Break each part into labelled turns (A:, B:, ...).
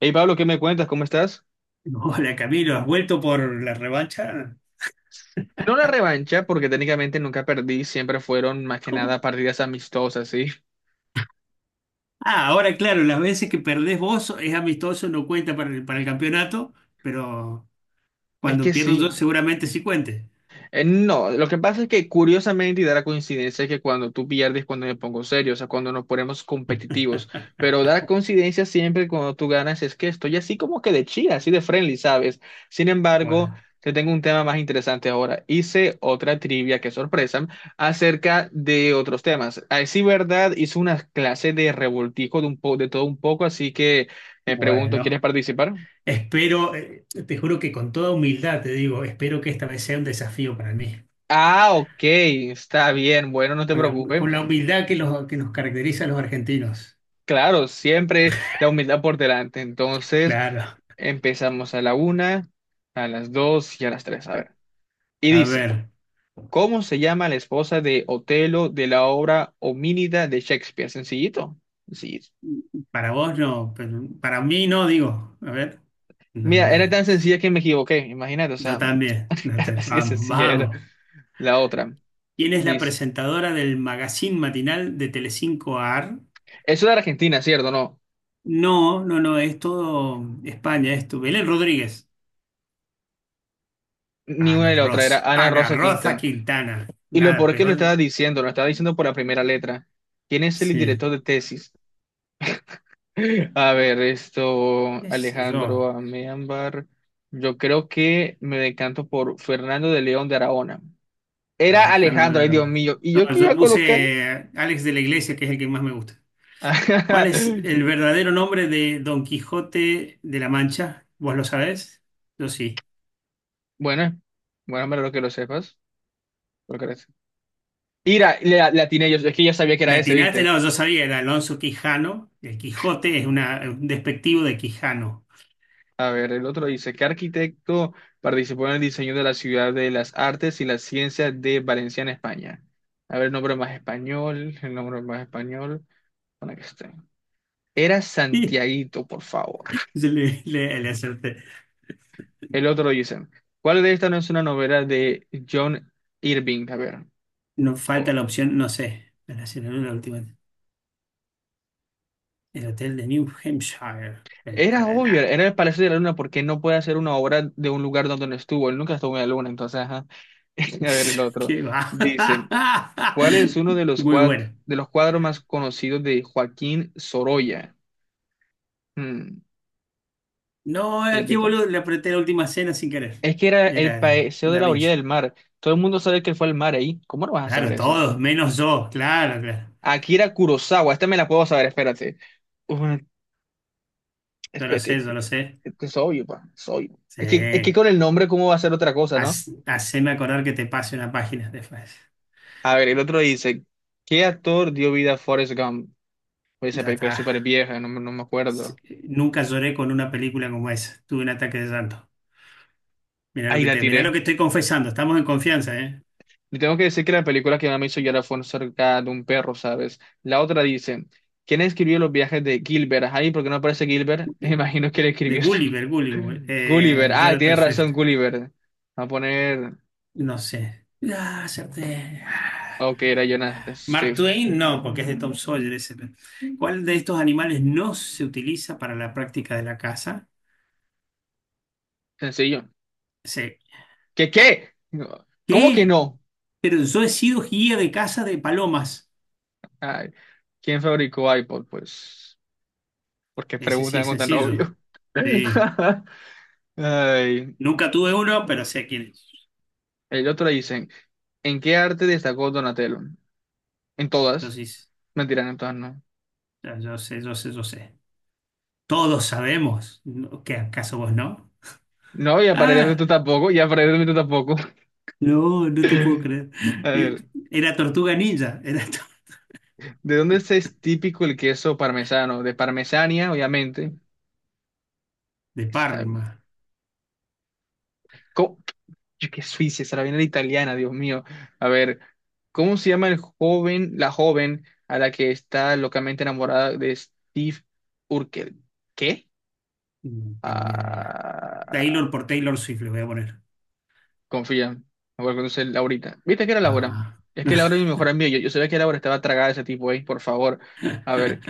A: Hey Pablo, ¿qué me cuentas? ¿Cómo estás?
B: Hola Camilo, ¿has vuelto por la revancha?
A: No la revancha, porque técnicamente nunca perdí, siempre fueron más que
B: ¿Cómo?
A: nada partidas amistosas, ¿sí?
B: Ah, ahora claro, las veces que perdés vos es amistoso, no cuenta para el campeonato, pero
A: Es
B: cuando
A: que
B: pierdo yo
A: sí.
B: seguramente sí cuente.
A: No, lo que pasa es que curiosamente y da la coincidencia que cuando tú pierdes, cuando me pongo serio, o sea, cuando nos ponemos competitivos, pero da la coincidencia siempre cuando tú ganas es que estoy así como que de chida, así de friendly, ¿sabes? Sin embargo,
B: Bueno,
A: te tengo un tema más interesante ahora. Hice otra trivia, que sorpresa, acerca de otros temas. A decir verdad, hice una clase de revoltijo de, un po de todo un poco, así que me pregunto, ¿quieres
B: bueno,
A: participar?
B: espero, te juro que con toda humildad te digo, espero que esta vez sea un desafío para mí,
A: Ah, ok, está bien, bueno, no te
B: con la,
A: preocupes.
B: con la humildad que nos caracteriza a los argentinos.
A: Claro, siempre la humildad por delante. Entonces,
B: Claro,
A: empezamos a la una, a las dos y a las tres. A ver. Y
B: a
A: dice,
B: ver,
A: ¿cómo se llama la esposa de Otelo de la obra Homínida de Shakespeare? Sencillito. Sencillito.
B: para vos no, pero para mí no, digo, a ver,
A: Mira, era
B: ¿dónde
A: tan
B: es?
A: sencilla que me equivoqué. Imagínate, o
B: Yo
A: sea,
B: también. No te-
A: así de
B: Vamos,
A: sencilla era
B: vamos.
A: la otra.
B: ¿Quién es la
A: Dice,
B: presentadora del magazine matinal de Telecinco AR?
A: eso de Argentina, ¿cierto? No,
B: No, no, no, es todo España, es tu Belén Rodríguez.
A: ni una
B: Ana
A: ni la otra, era
B: Rosa,
A: Ana
B: Ana
A: Rosa
B: Rosa
A: Quinta.
B: Quintana.
A: Y lo
B: Nada
A: por qué
B: peor.
A: lo estaba diciendo por la primera letra. ¿Quién es el
B: Sí,
A: director de tesis? A ver, esto,
B: qué sé yo,
A: Alejandro Améambar. Yo creo que me decanto por Fernando de León de Aragona. Era Alejandro, ay
B: Alejandra.
A: Dios mío. ¿Y
B: No,
A: yo qué iba a
B: yo
A: colocar?
B: puse Alex de la Iglesia, que es el que más me gusta. ¿Cuál es el verdadero nombre de Don Quijote de la Mancha? ¿Vos lo sabés? Yo sí.
A: Bueno, bueno, me que lo sepas. Lo que eres. Mira, le atiné yo, es que ya sabía que
B: La
A: era ese,
B: atinaste,
A: ¿viste?
B: no, yo sabía, era Alonso Quijano. El Quijote es un despectivo de Quijano.
A: A ver, el otro dice, ¿qué arquitecto participó en el diseño de la Ciudad de las Artes y las Ciencias de Valencia en España? A ver, nombre más español, el nombre más español, para que esté. Era
B: Y
A: Santiaguito, por favor.
B: yo le acerté.
A: El otro dicen, ¿cuál de estas no es una novela de John Irving? A ver.
B: No falta
A: Oh.
B: la opción, no sé. Para hacer la última. El hotel de New Hampshire, el
A: Era obvio,
B: Paraná.
A: era el Palacio de la Luna, porque no puede hacer una obra de un lugar donde no estuvo. Él nunca estuvo en la Luna, entonces, ajá. A ver, el otro.
B: Qué va.
A: Dicen, ¿cuál es uno de los,
B: Muy buena.
A: de los cuadros más conocidos de Joaquín Sorolla? Hmm,
B: No,
A: y
B: aquí
A: repito,
B: boludo, le apreté la última cena sin querer.
A: es que era el
B: Era
A: Paseo de
B: Da
A: la Orilla
B: Vinci.
A: del Mar. Todo el mundo sabe que fue el mar ahí. ¿Cómo no vas a saber
B: Claro,
A: eso?
B: todos, menos yo, claro, claro.
A: Akira Kurosawa, esta me la puedo saber, espérate. Uh,
B: Yo lo
A: espérate,
B: sé,
A: este
B: yo lo sé.
A: es obvio, pa, es obvio. Es que
B: Sí.
A: con el nombre, ¿cómo va a ser otra cosa, no?
B: Haceme acordar que te pase una página después.
A: A ver, el otro dice, ¿qué actor dio vida a Forrest Gump? Oye, esa
B: Ya
A: película es
B: está.
A: súper vieja, no, me no me
B: Sí,
A: acuerdo.
B: nunca lloré con una película como esa. Tuve un ataque de llanto.
A: Ahí la
B: Mirá lo
A: tiré.
B: que estoy confesando. Estamos en confianza, ¿eh?
A: Le tengo que decir que la película que más me hizo llorar fue cerca de un perro, ¿sabes? La otra dice, ¿quién escribió los viajes de Gilbert? Ahí, ¿por qué no aparece Gilbert?
B: De,
A: Imagino que le
B: de
A: escribió su-
B: Gulliver, Gulliver.
A: Gulliver. Ah, tiene
B: Jonathan Swift.
A: razón, Gulliver. Va a poner.
B: No sé. Ah, acerté. Ah.
A: Ok, era Jonathan
B: Mark
A: Swift.
B: Twain, no, porque es de Tom Sawyer ese. ¿Cuál de estos animales no se utiliza para la práctica de la caza?
A: Sencillo.
B: Sí.
A: ¿Qué qué? No, ¿cómo que
B: ¿Qué?
A: no?
B: Pero yo he sido guía de caza de palomas.
A: Ay, ¿quién fabricó iPod? Pues, ¿por qué
B: Ese sí
A: preguntan
B: es
A: algo tan
B: sencillo.
A: obvio?
B: Sí.
A: Ay,
B: Nunca tuve uno, pero sé quién es.
A: el otro le dicen, ¿en qué arte destacó Donatello? En
B: Yo
A: todas.
B: sí,
A: Mentira, en todas no.
B: yo sé, yo sé, yo sé. Todos sabemos, ¿no? ¿Qué acaso vos no?
A: No, y aparentemente
B: Ah,
A: tú tampoco, y aparentemente tú tampoco.
B: no, no te puedo creer.
A: A
B: Eh,
A: ver,
B: Era Tortuga Ninja,
A: ¿de dónde es típico el queso parmesano? De Parmesania, obviamente.
B: de
A: Está
B: Parma.
A: bien. Yo que Suiza, esa la viene la italiana, Dios mío. A ver, ¿cómo se llama el joven, la joven a la que está locamente enamorada de Steve Urkel? ¿Qué?
B: No tengo idea.
A: Ah,
B: Taylor, por Taylor Swift le voy a poner.
A: confía, me voy a conocer Laurita. ¿Viste que era Laura?
B: No.
A: Es que Laura es mi mejor amiga. Yo sabía que Laura estaba tragada de ese tipo ahí, por favor. A ver,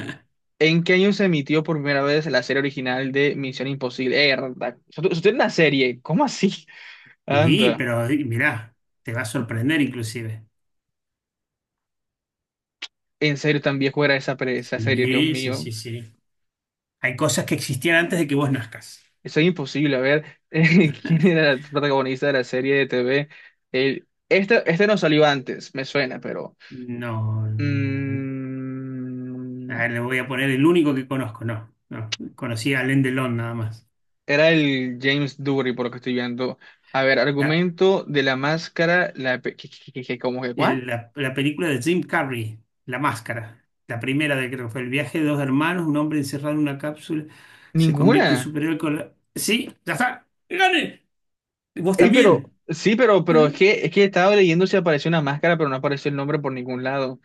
A: ¿en qué año se emitió por primera vez la serie original de Misión Imposible? Erda, ¿eso es una serie? ¿Cómo así?
B: Sí,
A: Anda,
B: pero mirá, te va a sorprender inclusive.
A: en serio, tan viejo era esa, esa serie, Dios
B: Sí, sí,
A: mío.
B: sí, sí. Hay cosas que existían antes de que vos nazcas.
A: Eso es imposible. A ver, ¿quién era el protagonista de la serie de TV? Este no salió antes, me suena, pero...
B: No, no.
A: mm,
B: Ah, le voy a poner el único que conozco, no. No, conocí a Alain Delon nada más.
A: era el James Dury, por lo que estoy viendo. A ver,
B: La,
A: argumento de la máscara, la... ¿Qué, cómo que cuál?
B: la película de Jim Carrey, La Máscara, la primera, de creo que fue El viaje de dos hermanos, un hombre encerrado en una cápsula se convierte en
A: Ninguna.
B: superhéroe con la- Sí, ya está, gane. ¿Vos
A: Ey, pero...
B: también?
A: Sí, pero es
B: Eh,
A: que, es que estaba leyendo si apareció una máscara, pero no apareció el nombre por ningún lado.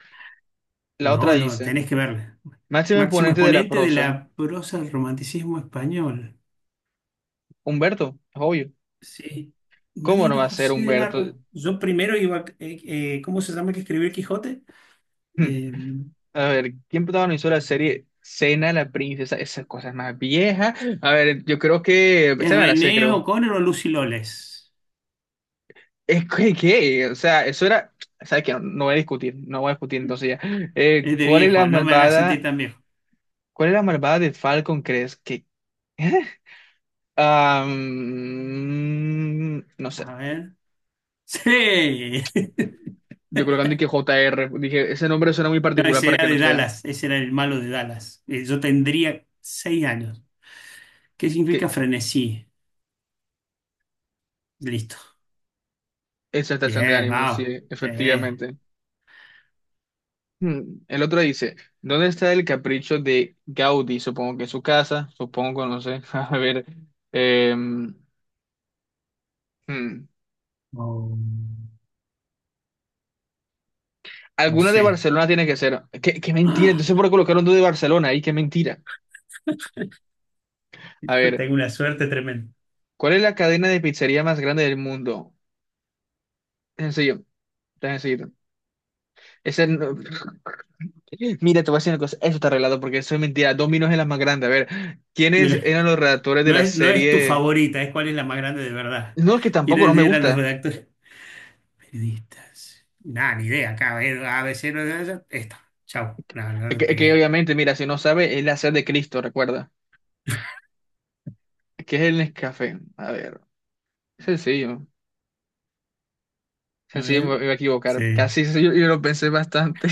A: La otra
B: No, no,
A: dice,
B: tenés que verla.
A: máximo
B: Máximo
A: exponente de la
B: exponente de
A: prosa,
B: la prosa del romanticismo español.
A: Humberto, es obvio.
B: Sí.
A: ¿Cómo no
B: Mariano
A: va a ser
B: José de
A: Humberto?
B: Larra. Yo primero iba, ¿cómo se llama el que escribió el Quijote? Eh,
A: A ver, ¿quién protagonizó la serie Cena la princesa? Esas cosas más viejas. A ver, yo creo que...
B: ¿Es
A: Esta me la sé,
B: René
A: creo.
B: O'Connor o Lucy Loles?
A: Es que, ¿qué? O sea, eso era... ¿Sabes qué? No, no voy a discutir entonces ya.
B: Es de
A: ¿Cuál es la
B: viejo, no me hagas sentir
A: malvada?
B: tan viejo.
A: ¿Cuál es la malvada de Falcon, crees? Que am, no sé.
B: A ver. Sí.
A: Yo creo que antes que JR. Dije, ese nombre suena muy
B: No,
A: particular
B: ese
A: para
B: era
A: que no
B: de
A: sea.
B: Dallas, ese era el malo de Dallas. Yo tendría seis años. ¿Qué significa
A: Que
B: frenesí? Listo.
A: esa estación de
B: Bien,
A: ánimo, sí,
B: wow.
A: efectivamente. El otro dice, ¿dónde está el capricho de Gaudí? Supongo que en su casa, supongo, no sé. A ver, em, hmm,
B: No, no
A: alguna de
B: sé.
A: Barcelona tiene que ser. ¿Qué, qué mentira?
B: ¡Ah!
A: Entonces, ¿por qué colocaron dos de Barcelona ahí? ¿Qué mentira? A
B: Yo
A: ver,
B: tengo una suerte tremenda.
A: ¿cuál es la cadena de pizzería más grande del mundo? Es sencillo, está sencillo. Ese no- Mira, te voy a decir una cosa, eso está arreglado porque eso es mentira. Domino's es la más grande. A ver, ¿quiénes
B: Mira,
A: eran los redactores de
B: no
A: la
B: es, no es tu
A: serie?
B: favorita, es cuál es la más grande de verdad.
A: No, es que tampoco no
B: ¿Quiénes
A: me
B: eran los
A: gusta.
B: redactores? Periodistas. Nada, ni idea. Acá, a ver, ABC, no, no, no, esta. Chau. No, no le
A: Que
B: pegué.
A: obviamente, mira, si no sabe, es la sed de Cristo, recuerda. ¿Qué es el Nescafé? A ver, sencillo.
B: A
A: Sencillo,
B: ver.
A: me iba a equivocar.
B: Sí.
A: Casi sí, yo lo pensé bastante.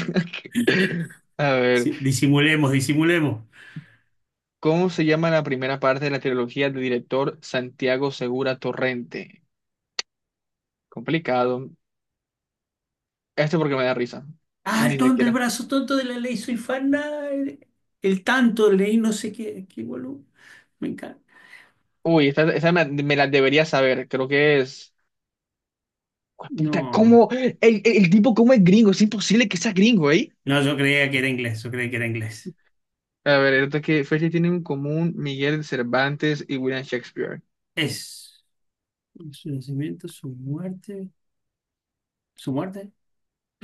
A: A ver,
B: Sí, disimulemos, disimulemos.
A: ¿cómo se llama la primera parte de la trilogía del director Santiago Segura Torrente? Complicado. Esto porque me da risa.
B: Ah, el
A: Ni
B: tonto, el
A: siquiera.
B: brazo tonto de la ley, soy fan. El tanto, leí no sé qué, qué boludo. Me encanta.
A: Uy, esta me la debería saber. Creo que es. Puta,
B: No.
A: ¿cómo? El tipo, ¿cómo es gringo? Es imposible que sea gringo, ¿eh?
B: No, yo creía que era inglés, yo creía que era inglés.
A: A ver, el otro que fecha tienen en común Miguel Cervantes y William Shakespeare.
B: Es su nacimiento, su muerte. ¿Su muerte?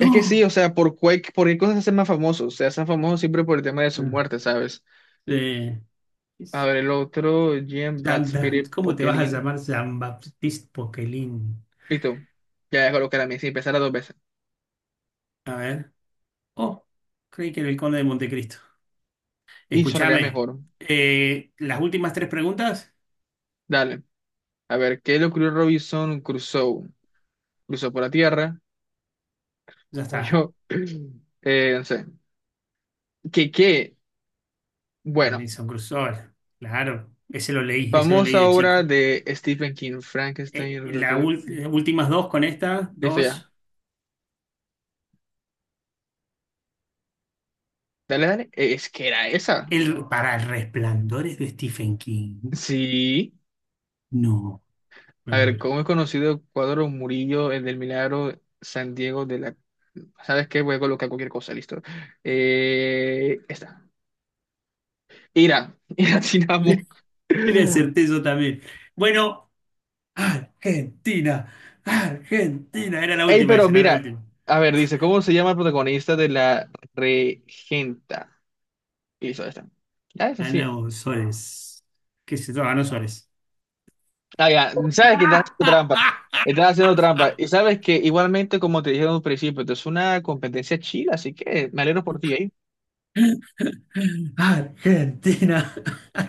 A: Es que sí, o sea, por, por qué cosas se hacen más famosos. Se hacen famosos siempre por el tema de su
B: Ah,
A: muerte, ¿sabes?
B: eh,
A: A
B: es-
A: ver, el otro, Jean
B: Jean-
A: Baptiste
B: ¿Cómo te vas a
A: Poquelin.
B: llamar Jean-Baptiste Poquelin?
A: Listo. Ya voy a colocar a mí, si empezara dos veces.
B: A ver. Oh, creí que era el Conde de Montecristo.
A: Y sonaría
B: Escúchame.
A: mejor.
B: Eh, las últimas tres preguntas.
A: Dale. A ver, ¿qué le ocurrió a Robinson Crusoe? Cruzó por la tierra,
B: Ya
A: como
B: está.
A: yo. No sé. ¿Qué, qué? Bueno,
B: Robinson Crusoe. Claro. Ese lo leí
A: famosa
B: de
A: obra
B: chico.
A: de Stephen King, Frankenstein.
B: Las últimas dos con esta,
A: Listo, ya.
B: dos.
A: Dale, dale. Es que era esa.
B: El, para el resplandor de Stephen King.
A: Sí.
B: No, me
A: A ver,
B: muero.
A: ¿cómo he conocido Cuadro Murillo, el del Milagro, San Diego de la... ¿Sabes qué? Voy a colocar cualquier cosa, listo. Esta. Ira. Ira Tinamo.
B: Le acerté yo también. Bueno, Argentina. Argentina. Era la
A: Ey,
B: última,
A: pero
B: esa era la
A: mira.
B: última.
A: A ver, dice, ¿cómo se llama el protagonista de la Regenta? Y listo, esta. Ya es así.
B: Ana Osores. ¿Qué se llama? Ana Osores.
A: Ah, ya. Sabes que estás haciendo trampa. Estás haciendo trampa. Y sabes que igualmente, como te dije en un principio, esto es una competencia chida, así que me alegro por ti, ¿eh?
B: Argentina.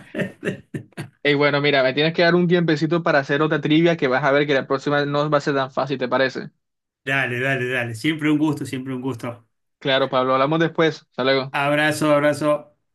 A: Y bueno, mira, me tienes que dar un tiempecito para hacer otra trivia que vas a ver que la próxima no va a ser tan fácil, ¿te parece?
B: Dale, dale, dale. Siempre un gusto, siempre un gusto.
A: Claro, Pablo, hablamos después. Hasta luego.
B: Abrazo, abrazo.